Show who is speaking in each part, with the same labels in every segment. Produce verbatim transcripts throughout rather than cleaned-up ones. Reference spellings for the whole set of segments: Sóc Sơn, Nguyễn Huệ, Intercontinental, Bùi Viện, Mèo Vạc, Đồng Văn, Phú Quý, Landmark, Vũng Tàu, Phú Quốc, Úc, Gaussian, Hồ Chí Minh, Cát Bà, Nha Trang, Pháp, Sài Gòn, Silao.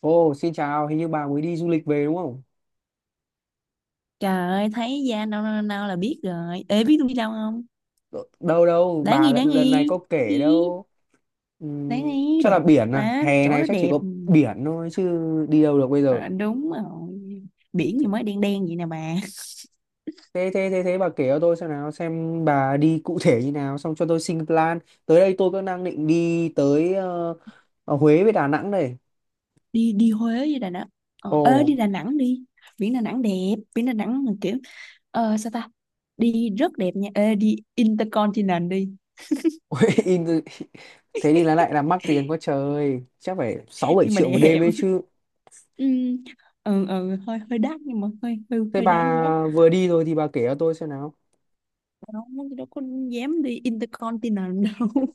Speaker 1: Ồ, xin chào, hình như bà mới đi du lịch về đúng không?
Speaker 2: Trời ơi, thấy da nâu nâu nâu là biết rồi. Ê, biết tôi đi đâu không?
Speaker 1: Đâu đâu,
Speaker 2: Đáng
Speaker 1: bà
Speaker 2: nghi, đáng
Speaker 1: lần, lần này
Speaker 2: nghi.
Speaker 1: có kể
Speaker 2: Đi,
Speaker 1: đâu.
Speaker 2: đáng
Speaker 1: Ừm,
Speaker 2: nghi,
Speaker 1: chắc là
Speaker 2: đẹp
Speaker 1: biển à,
Speaker 2: mà.
Speaker 1: hè
Speaker 2: Chỗ
Speaker 1: này
Speaker 2: đó
Speaker 1: chắc chỉ
Speaker 2: đẹp.
Speaker 1: có biển thôi chứ đi đâu được bây giờ.
Speaker 2: À, đúng rồi. Biển gì
Speaker 1: Thế
Speaker 2: mới đen đen vậy nè bà.
Speaker 1: thế thế thế, bà kể cho tôi xem nào, xem bà đi cụ thể như nào, xong cho tôi xin plan. Tới đây tôi cũng đang định đi tới ờ, ở Huế với Đà Nẵng đây.
Speaker 2: Đi đi Huế với Đà Nẵng. Ờ,
Speaker 1: Ồ,
Speaker 2: ê, đi Đà Nẵng đi. Biển Đà Nẵng đẹp. Biển Đà Nẵng mà kiểu... Ờ, sao ta? Đi rất đẹp nha. Ê, đi Intercontinental đi.
Speaker 1: Huế in- thế đi là lại là mắc tiền quá trời, chắc phải sáu bảy
Speaker 2: Nhưng mà
Speaker 1: triệu một
Speaker 2: đẹp.
Speaker 1: đêm ấy chứ.
Speaker 2: Ừ, ừ, ừ, hơi hơi đắt nhưng mà hơi hơi,
Speaker 1: Thế
Speaker 2: hơi
Speaker 1: bà
Speaker 2: đáng giá.
Speaker 1: vừa đi rồi thì bà kể cho tôi xem nào.
Speaker 2: Không, nó đâu có dám đi Intercontinental đâu.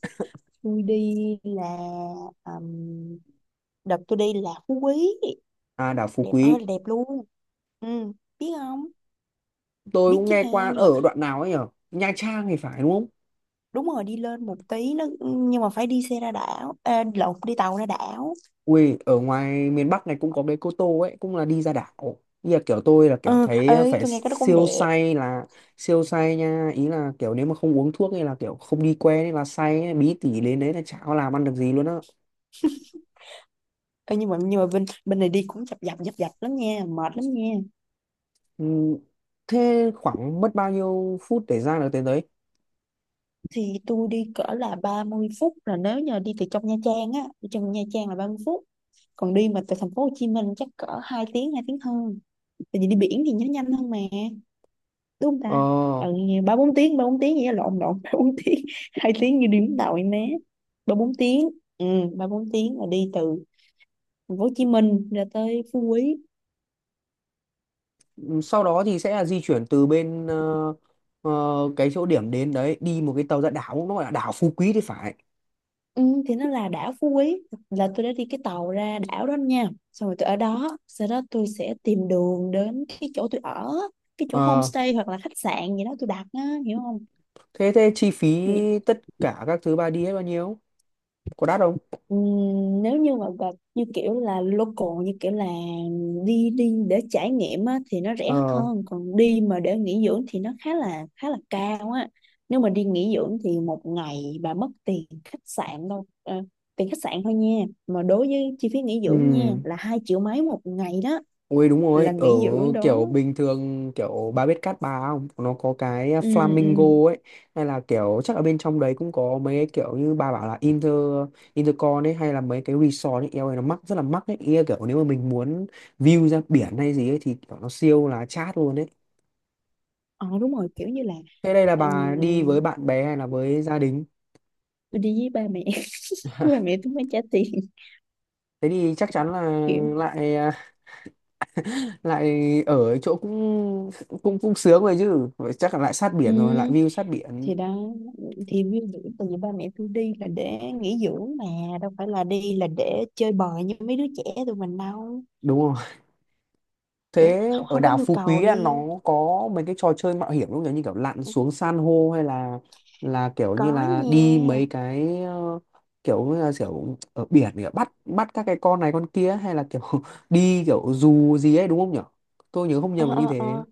Speaker 2: Tôi đi là um, Đợt tôi đi là Phú Quý,
Speaker 1: À, đảo Phú
Speaker 2: đẹp ơi
Speaker 1: Quý.
Speaker 2: là đẹp luôn. Ừ, biết không?
Speaker 1: Tôi
Speaker 2: Biết
Speaker 1: cũng
Speaker 2: chứ
Speaker 1: nghe
Speaker 2: ha,
Speaker 1: qua
Speaker 2: nhưng mà
Speaker 1: ở đoạn nào ấy nhở, Nha Trang thì phải, đúng không?
Speaker 2: đúng rồi, đi lên một tí nó, nhưng mà phải đi xe ra đảo à, lộn, đi tàu ra đảo.
Speaker 1: Ui, ở ngoài miền Bắc này cũng có cái Cô Tô ấy, cũng là đi ra đảo. Ý là kiểu tôi là kiểu
Speaker 2: Ừ,
Speaker 1: thấy
Speaker 2: ơi
Speaker 1: phải
Speaker 2: tôi nghe cái đó cũng
Speaker 1: siêu
Speaker 2: đẹp.
Speaker 1: say, là siêu say nha, ý là kiểu nếu mà không uống thuốc hay là kiểu không đi quen ấy là say ấy, bí tỉ đến đấy là chả có làm ăn được gì luôn á.
Speaker 2: Ê, nhưng mà nhưng mà bên bên này đi cũng chập dập dập dập lắm nha, mệt lắm nha.
Speaker 1: Ừ. Thế khoảng mất bao nhiêu phút để ra được tới đấy?
Speaker 2: Thì tôi đi cỡ là ba mươi phút, là nếu như đi từ trong Nha Trang á, đi trong Nha Trang là ba mươi phút. Còn đi mà từ thành phố Hồ Chí Minh chắc cỡ hai tiếng, hai tiếng hơn, tại vì đi biển thì nó nhanh hơn mà, đúng không ta?
Speaker 1: Ờ.
Speaker 2: Ừ, ba bốn tiếng, ba bốn tiếng vậy, lộn lộn, ba bốn tiếng, hai tiếng như đi Vũng Tàu em bé. Ba bốn tiếng. Ừ, ba bốn tiếng là đi từ thành phố Hồ Chí Minh ra tới Phú Quý.
Speaker 1: Ừ, sau đó thì sẽ là di chuyển từ bên ờ, ờ, cái chỗ điểm đến đấy đi một cái tàu ra đảo, nó gọi là đảo Phú Quý thì phải.
Speaker 2: Ừ, thì nó là đảo Phú Quý. Là tôi đã đi cái tàu ra đảo đó nha, xong rồi tôi ở đó, sau đó tôi sẽ tìm đường đến cái chỗ tôi ở, cái chỗ
Speaker 1: Ờ.
Speaker 2: homestay hoặc là khách sạn gì đó tôi đặt á, hiểu không?
Speaker 1: Thế thế chi phí tất cả các thứ bà đi hết bao nhiêu? Có đắt không?
Speaker 2: Ừm, nếu như mà gặp như kiểu là local, như kiểu là đi đi để trải nghiệm á, thì nó rẻ
Speaker 1: Ờ.
Speaker 2: hơn, còn đi mà để nghỉ dưỡng thì nó khá là khá là cao á. Nếu mà đi nghỉ dưỡng thì một ngày bà mất tiền khách sạn đâu, ờ, tiền khách sạn thôi nha, mà đối với chi phí nghỉ
Speaker 1: Ừ.
Speaker 2: dưỡng nha là hai triệu mấy một ngày đó,
Speaker 1: Ôi đúng
Speaker 2: là
Speaker 1: rồi, ở
Speaker 2: nghỉ dưỡng
Speaker 1: kiểu
Speaker 2: đó.
Speaker 1: bình thường, kiểu bà biết Cát Bà không? Nó có cái
Speaker 2: Ừ, ừ.
Speaker 1: flamingo ấy, hay là kiểu chắc ở bên trong đấy cũng có mấy cái kiểu như bà bảo là Inter Intercon ấy, hay là mấy cái resort ấy, eo ơi nó mắc, rất là mắc ấy. Ý là kiểu nếu mà mình muốn view ra biển hay gì ấy thì kiểu nó siêu là chát luôn ấy.
Speaker 2: Ờ, đúng rồi, kiểu như là
Speaker 1: Thế đây là bà đi với
Speaker 2: ừm,
Speaker 1: bạn bè hay là với gia đình?
Speaker 2: tôi đi với ba mẹ. Ba mẹ tôi mới trả tiền
Speaker 1: Thế thì chắc chắn là
Speaker 2: kiểu.
Speaker 1: lại à, lại ở chỗ cũng cũng cũng sướng rồi chứ. Vậy chắc là lại sát
Speaker 2: Ừ,
Speaker 1: biển rồi, lại view sát biển
Speaker 2: thì đó, thì ví dụ tại vì ba mẹ tôi đi là để nghỉ dưỡng mà, đâu phải là đi là để chơi bời như mấy đứa trẻ tụi mình đâu,
Speaker 1: đúng không?
Speaker 2: kiểu
Speaker 1: Thế
Speaker 2: không,
Speaker 1: ở
Speaker 2: không có
Speaker 1: đảo
Speaker 2: nhu
Speaker 1: Phú
Speaker 2: cầu
Speaker 1: Quý à, nó
Speaker 2: đi.
Speaker 1: có mấy cái trò chơi mạo hiểm không nhỉ, như kiểu lặn xuống san hô, hay là là kiểu như
Speaker 2: Có
Speaker 1: là
Speaker 2: nha.
Speaker 1: đi mấy cái ờ, kiểu như là kiểu ở biển để bắt bắt các cái con này con kia, hay là kiểu đi kiểu dù gì ấy đúng không nhỉ? Tôi nhớ không
Speaker 2: Ờ,
Speaker 1: nhầm là như
Speaker 2: ờ,
Speaker 1: thế.
Speaker 2: ờ.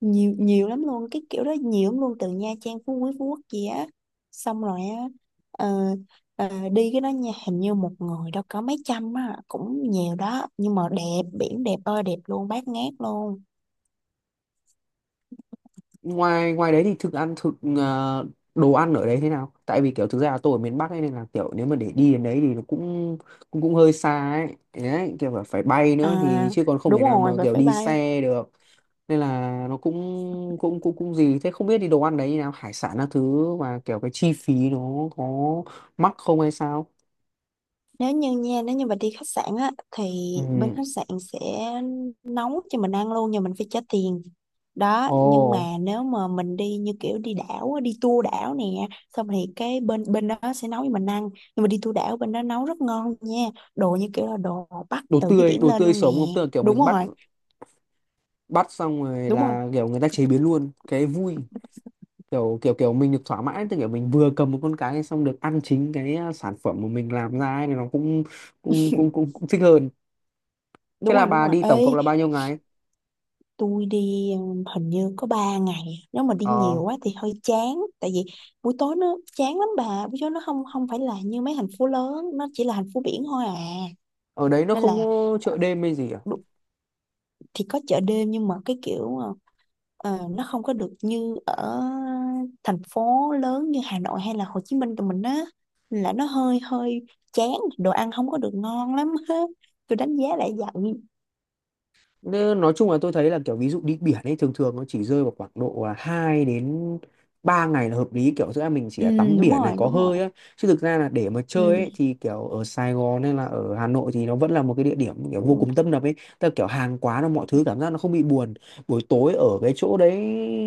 Speaker 2: Nhiều nhiều lắm luôn, cái kiểu đó nhiều lắm luôn, từ Nha Trang, Phú Quý, Phú Quốc gì á, xong rồi á. ờ, ờ, Đi cái đó nha, hình như một người đâu có mấy trăm á, cũng nhiều đó, nhưng mà đẹp, biển đẹp ơi đẹp luôn, bát ngát luôn.
Speaker 1: Ngoài ngoài đấy thì thực ăn thực ờ, đồ ăn ở đấy thế nào? Tại vì kiểu thực ra là tôi ở miền Bắc ấy, nên là kiểu nếu mà để đi đến đấy thì nó cũng cũng cũng hơi xa ấy đấy, kiểu là phải bay
Speaker 2: À
Speaker 1: nữa thì chứ còn không thể
Speaker 2: đúng
Speaker 1: nào mà
Speaker 2: rồi,
Speaker 1: kiểu
Speaker 2: bye
Speaker 1: đi
Speaker 2: bye.
Speaker 1: xe được. Nên là nó cũng cũng cũng cũng gì thế không biết, thì đồ ăn đấy như nào, hải sản các thứ, và kiểu cái chi phí nó có mắc không hay sao?
Speaker 2: Nếu như nha nếu như mà đi khách sạn á, thì
Speaker 1: Ừ.
Speaker 2: bên khách sạn sẽ nấu cho mình ăn luôn, nhưng mình phải trả tiền đó.
Speaker 1: Ồ.
Speaker 2: Nhưng mà nếu mà mình đi như kiểu đi đảo á, đi tour đảo nè, xong thì cái bên bên đó sẽ nấu cho mình ăn, nhưng mà đi tour đảo bên đó nấu rất ngon nha, đồ như kiểu là đồ bắt
Speaker 1: Đồ
Speaker 2: từ dưới
Speaker 1: tươi,
Speaker 2: biển
Speaker 1: đồ
Speaker 2: lên
Speaker 1: tươi
Speaker 2: luôn nè.
Speaker 1: sống không, tức là kiểu
Speaker 2: Đúng
Speaker 1: mình bắt
Speaker 2: rồi.
Speaker 1: bắt xong rồi
Speaker 2: Đúng rồi,
Speaker 1: là kiểu người ta chế biến luôn, cái vui kiểu kiểu kiểu mình được thỏa mãn, tức kiểu mình vừa cầm một con cái xong được ăn chính cái à, sản phẩm mà mình làm ra ấy, thì nó cũng cũng cũng cũng cũng thích hơn. Thế
Speaker 2: đúng
Speaker 1: là
Speaker 2: rồi, đúng
Speaker 1: bà
Speaker 2: rồi
Speaker 1: đi tổng cộng
Speaker 2: ê.
Speaker 1: là bao nhiêu ngày?
Speaker 2: Tôi đi ừm, hình như có ba ngày, nếu mà đi
Speaker 1: Ờ.
Speaker 2: nhiều quá thì hơi chán, tại vì buổi tối nó chán lắm bà, buổi tối nó không không phải là như mấy thành phố lớn, nó chỉ là thành phố biển thôi à,
Speaker 1: Ở đấy nó
Speaker 2: nên
Speaker 1: không
Speaker 2: là
Speaker 1: có
Speaker 2: ờ,
Speaker 1: chợ đêm hay gì à?
Speaker 2: đu- thì có chợ đêm, nhưng mà cái kiểu ờ, ờ, nó không có được như ở thành phố lớn như Hà Nội hay là Hồ Chí Minh tụi mình á. Nên là nó hơi hơi chán, đồ ăn không có được ngon lắm á, tôi đánh giá lại vậy.
Speaker 1: Nên nói chung là tôi thấy là kiểu ví dụ đi biển ấy thường thường nó chỉ rơi vào khoảng độ là hai đến ba ngày là hợp lý, kiểu giữa mình chỉ
Speaker 2: Ừ,
Speaker 1: là tắm
Speaker 2: đúng
Speaker 1: biển này,
Speaker 2: rồi,
Speaker 1: có
Speaker 2: đúng rồi.
Speaker 1: hơi á, chứ thực ra là để mà chơi ấy
Speaker 2: Ừ.
Speaker 1: thì kiểu ở Sài Gòn hay là ở Hà Nội thì nó vẫn là một cái địa điểm kiểu vô
Speaker 2: Ừ.
Speaker 1: cùng tấp nập ấy, tức là kiểu hàng quán là mọi thứ, cảm giác nó không bị buồn buổi tối ở cái chỗ đấy.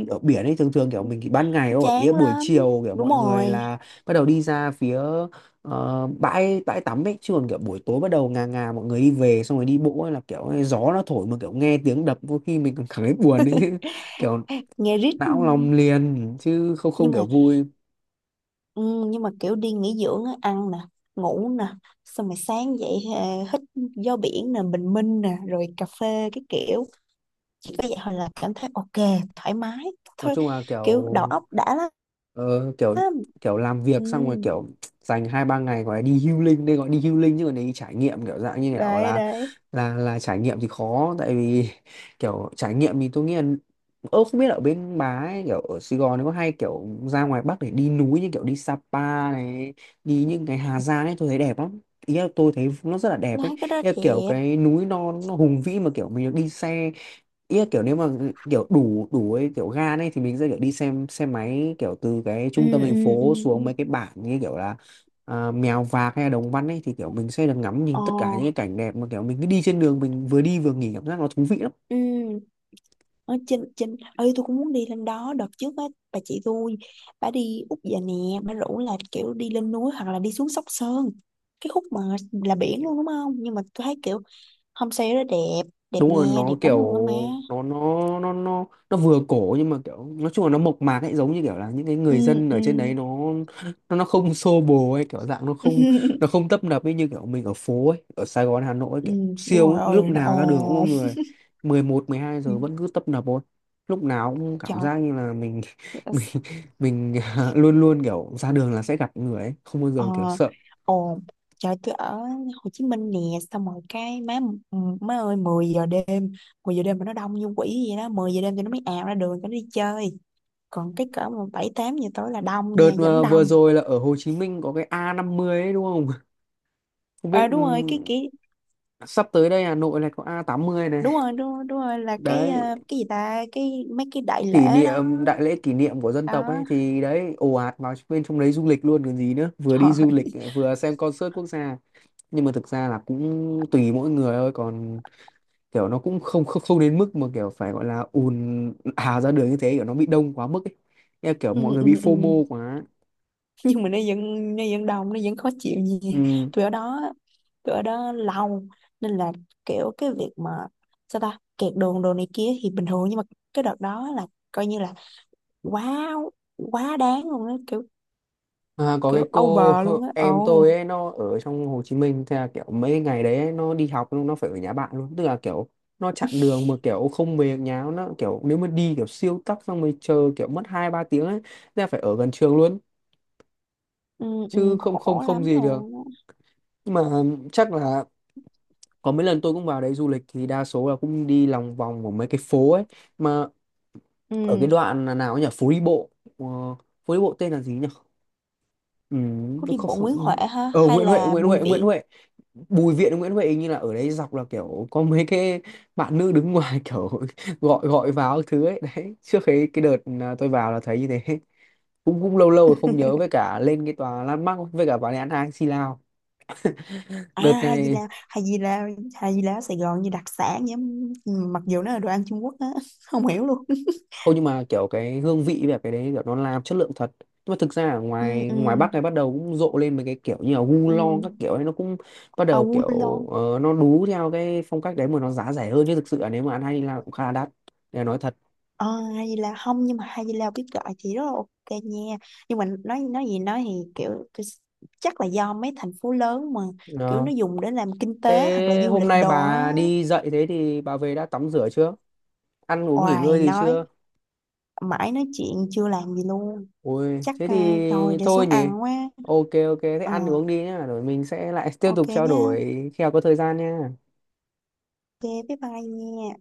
Speaker 1: Ở biển ấy thường thường kiểu mình chỉ ban ngày thôi, ý là
Speaker 2: Chán
Speaker 1: buổi
Speaker 2: lắm.
Speaker 1: chiều kiểu
Speaker 2: Đúng
Speaker 1: mọi người
Speaker 2: rồi.
Speaker 1: là bắt đầu đi ra phía ờ, bãi bãi tắm ấy, chứ còn kiểu buổi tối bắt đầu ngà ngà mọi người đi về xong rồi đi bộ ấy là kiểu ấy, gió nó thổi mà kiểu nghe tiếng đập có khi mình còn cảm thấy buồn ấy chứ, kiểu
Speaker 2: Nghe rít.
Speaker 1: não lòng liền chứ không,
Speaker 2: Nhưng
Speaker 1: không kiểu
Speaker 2: mà,
Speaker 1: vui.
Speaker 2: ừ, nhưng mà kiểu đi nghỉ dưỡng á, ăn nè, ngủ nè, xong rồi sáng dậy ờ, hít gió biển nè, bình minh nè, rồi cà phê cái kiểu, chỉ có vậy thôi là cảm thấy ok, thoải mái
Speaker 1: Nói
Speaker 2: thôi,
Speaker 1: chung là
Speaker 2: kiểu
Speaker 1: kiểu.
Speaker 2: đầu óc đã lắm.
Speaker 1: Ờ, kiểu kiểu làm việc xong rồi
Speaker 2: Ừ,
Speaker 1: kiểu dành hai ba ngày gọi là đi healing, đây gọi đi healing, chứ còn đi trải nghiệm kiểu dạng như kiểu
Speaker 2: đấy
Speaker 1: là
Speaker 2: đấy.
Speaker 1: là là trải nghiệm thì khó, tại vì kiểu trải nghiệm thì tôi nghĩ là ơ không biết ở bên bà ấy kiểu ở Sài Gòn nó có hay kiểu ra ngoài Bắc để đi núi như kiểu đi Sapa này, đi những cái Hà Giang ấy, tôi thấy đẹp lắm. Ý là tôi thấy nó rất là đẹp ấy,
Speaker 2: Nói cái đó
Speaker 1: ý là kiểu
Speaker 2: đẹp.
Speaker 1: cái núi non nó hùng vĩ mà kiểu mình được đi xe. Ý là kiểu nếu mà kiểu đủ đủ ấy kiểu gan ấy thì mình sẽ kiểu đi xem xe máy kiểu từ cái
Speaker 2: Ừ
Speaker 1: trung tâm thành
Speaker 2: ừ
Speaker 1: phố
Speaker 2: ừ
Speaker 1: xuống
Speaker 2: ừ.
Speaker 1: mấy cái bản như kiểu là à, Mèo Vạc hay là Đồng Văn ấy, thì kiểu mình sẽ được ngắm
Speaker 2: Ờ.
Speaker 1: nhìn tất cả những cái cảnh đẹp mà kiểu mình cứ đi trên đường mình vừa đi vừa nghỉ, cảm giác nó thú vị lắm.
Speaker 2: Ừ. Ở trên trên ơi tôi cũng muốn đi lên đó, đợt trước á bà chị tôi, bà đi Úc về nè, bà rủ là kiểu đi lên núi hoặc là đi xuống Sóc Sơn, cái khúc mà là biển luôn đúng không, nhưng mà tôi thấy kiểu homestay đó đẹp, đẹp
Speaker 1: Đúng
Speaker 2: nha,
Speaker 1: rồi,
Speaker 2: đẹp
Speaker 1: nó
Speaker 2: lắm
Speaker 1: kiểu
Speaker 2: luôn á má.
Speaker 1: nó nó nó nó nó vừa cổ nhưng mà kiểu nói chung là nó mộc mạc ấy, giống như kiểu là những cái
Speaker 2: Ừ
Speaker 1: người dân
Speaker 2: ừ.
Speaker 1: ở trên đấy nó nó nó không xô bồ ấy kiểu dạng nó không, nó không tấp nập ấy, như kiểu mình ở phố ấy ở Sài Gòn Hà Nội ấy,
Speaker 2: Ừ,
Speaker 1: kiểu
Speaker 2: đúng
Speaker 1: siêu
Speaker 2: rồi,
Speaker 1: ấy, lúc
Speaker 2: ơi nó
Speaker 1: nào ra đường cũng có
Speaker 2: ồn.
Speaker 1: người, mười một mười hai giờ vẫn cứ tấp nập thôi, lúc nào cũng
Speaker 2: Trời.
Speaker 1: cảm giác như là mình mình mình luôn luôn kiểu ra đường là sẽ gặp người ấy, không bao giờ kiểu
Speaker 2: ờ
Speaker 1: sợ.
Speaker 2: Ồn. Trời, tôi ở Hồ Chí Minh nè, xong rồi cái má, má ơi, mười giờ đêm, mười giờ đêm mà nó đông như quỷ vậy đó, mười giờ đêm thì nó mới ào ra đường cho nó đi chơi, còn cái cỡ mà bảy tám giờ tối là đông nha,
Speaker 1: Đợt
Speaker 2: vẫn
Speaker 1: mà vừa
Speaker 2: đông.
Speaker 1: rồi là ở Hồ Chí Minh có cái a năm mươi ấy đúng không? Không biết.
Speaker 2: À,
Speaker 1: Ừ,
Speaker 2: đúng rồi cái kỷ.
Speaker 1: sắp tới đây Hà Nội này có a tám mươi này
Speaker 2: Đúng rồi, đúng rồi, đúng rồi là cái
Speaker 1: đấy,
Speaker 2: ờ, cái gì ta, cái mấy cái đại
Speaker 1: kỷ
Speaker 2: lễ đó.
Speaker 1: niệm đại lễ, kỷ niệm của dân
Speaker 2: Đó,
Speaker 1: tộc ấy, thì đấy ồ ạt vào bên trong đấy du lịch luôn còn gì nữa, vừa
Speaker 2: trời
Speaker 1: đi du lịch
Speaker 2: ơi.
Speaker 1: vừa xem concert quốc gia. Nhưng mà thực ra là cũng tùy mỗi người thôi, còn kiểu nó cũng không không không đến mức mà kiểu phải gọi là ùn hà ra đường như thế, kiểu nó bị đông quá mức ấy. Thế kiểu mọi
Speaker 2: Ừ,
Speaker 1: người
Speaker 2: ừ,
Speaker 1: bị phô
Speaker 2: ừ.
Speaker 1: mô quá.
Speaker 2: Nhưng mà nó vẫn nó vẫn đông, nó vẫn khó chịu gì.
Speaker 1: Ừ.
Speaker 2: tôi ở đó tôi ở đó lâu, nên là kiểu cái việc mà sao ta, kẹt đường đồ này kia thì bình thường, nhưng mà cái đợt đó là coi như là quá, quá đáng luôn á, kiểu
Speaker 1: À, có
Speaker 2: kiểu
Speaker 1: cái cô
Speaker 2: over luôn á.
Speaker 1: em
Speaker 2: Ồ.
Speaker 1: tôi ấy nó ở trong Hồ Chí Minh, thế là kiểu mấy ngày đấy ấy, nó đi học nó phải ở nhà bạn luôn, tức là kiểu nó chặn đường mà kiểu không về nhà, nó kiểu nếu mà đi kiểu siêu tắc xong rồi chờ kiểu mất hai ba tiếng ấy, thế là phải ở gần trường luôn
Speaker 2: Ừ, ừ,
Speaker 1: chứ không không
Speaker 2: khổ
Speaker 1: không
Speaker 2: lắm
Speaker 1: gì được.
Speaker 2: luôn.
Speaker 1: Nhưng mà chắc là có mấy lần tôi cũng vào đấy du lịch thì đa số là cũng đi lòng vòng của mấy cái phố ấy, mà ở cái
Speaker 2: Ừ,
Speaker 1: đoạn là nào ấy nhỉ, phố đi bộ. Ờ, phố đi bộ tên là gì nhỉ? Ừ,
Speaker 2: phố
Speaker 1: nó
Speaker 2: đi
Speaker 1: không
Speaker 2: bộ Nguyễn Huệ
Speaker 1: không-
Speaker 2: ha,
Speaker 1: ờ,
Speaker 2: hay
Speaker 1: Nguyễn Huệ
Speaker 2: là
Speaker 1: Nguyễn
Speaker 2: Bùi
Speaker 1: Huệ Nguyễn
Speaker 2: Viện?
Speaker 1: Huệ Bùi Viện, Nguyễn Huệ hình như là ở đấy dọc là kiểu có mấy cái bạn nữ đứng ngoài kiểu gọi gọi vào các thứ ấy đấy, trước cái cái đợt à, tôi vào là thấy như thế, cũng cũng lâu lâu rồi không nhớ, với cả lên cái tòa Landmark, với cả vào nhà ăn hai Silao
Speaker 2: À
Speaker 1: đợt
Speaker 2: hay gì
Speaker 1: này.
Speaker 2: là, hay gì là, hay gì là ở Sài Gòn như đặc sản vậy. Ừ, mặc dù nó là đồ ăn Trung Quốc á. Không hiểu luôn.
Speaker 1: Không nhưng mà kiểu cái hương vị với cái đấy kiểu nó làm chất lượng thật. Nhưng mà thực ra ở
Speaker 2: Ừ
Speaker 1: ngoài
Speaker 2: ừ
Speaker 1: ngoài Bắc này bắt đầu cũng rộ lên mấy cái kiểu như là gu
Speaker 2: ừ.
Speaker 1: lo các kiểu ấy, nó cũng bắt
Speaker 2: À
Speaker 1: đầu
Speaker 2: Quân
Speaker 1: kiểu
Speaker 2: Lon.
Speaker 1: ờ, nó đú theo cái phong cách đấy mà nó giá rẻ hơn, chứ thực sự là nếu mà ăn hay là cũng khá là đắt để nói thật.
Speaker 2: À, hay gì là, không nhưng mà hay gì là biết gọi thì rất là ok nha, nhưng mà nói nói gì nói thì kiểu cái-, chắc là do mấy thành phố lớn mà kiểu
Speaker 1: Ờ.
Speaker 2: nó dùng để làm kinh tế hoặc là
Speaker 1: Thế
Speaker 2: du
Speaker 1: hôm
Speaker 2: lịch
Speaker 1: nay
Speaker 2: đồ á.
Speaker 1: bà đi dậy thế thì bà về đã tắm rửa chưa? Ăn uống nghỉ
Speaker 2: Oài,
Speaker 1: ngơi gì
Speaker 2: nói
Speaker 1: chưa?
Speaker 2: mãi nói chuyện chưa làm gì luôn.
Speaker 1: Ôi
Speaker 2: Chắc
Speaker 1: thế
Speaker 2: ờ,
Speaker 1: thì
Speaker 2: rồi để
Speaker 1: thôi
Speaker 2: xuống
Speaker 1: nhỉ.
Speaker 2: ăn quá.
Speaker 1: Ok ok, thế
Speaker 2: Ờ,
Speaker 1: ăn uống đi nhá rồi mình sẽ lại tiếp
Speaker 2: ok
Speaker 1: tục trao
Speaker 2: nhá.
Speaker 1: đổi khi nào có thời gian nha.
Speaker 2: Ok bye bye nha.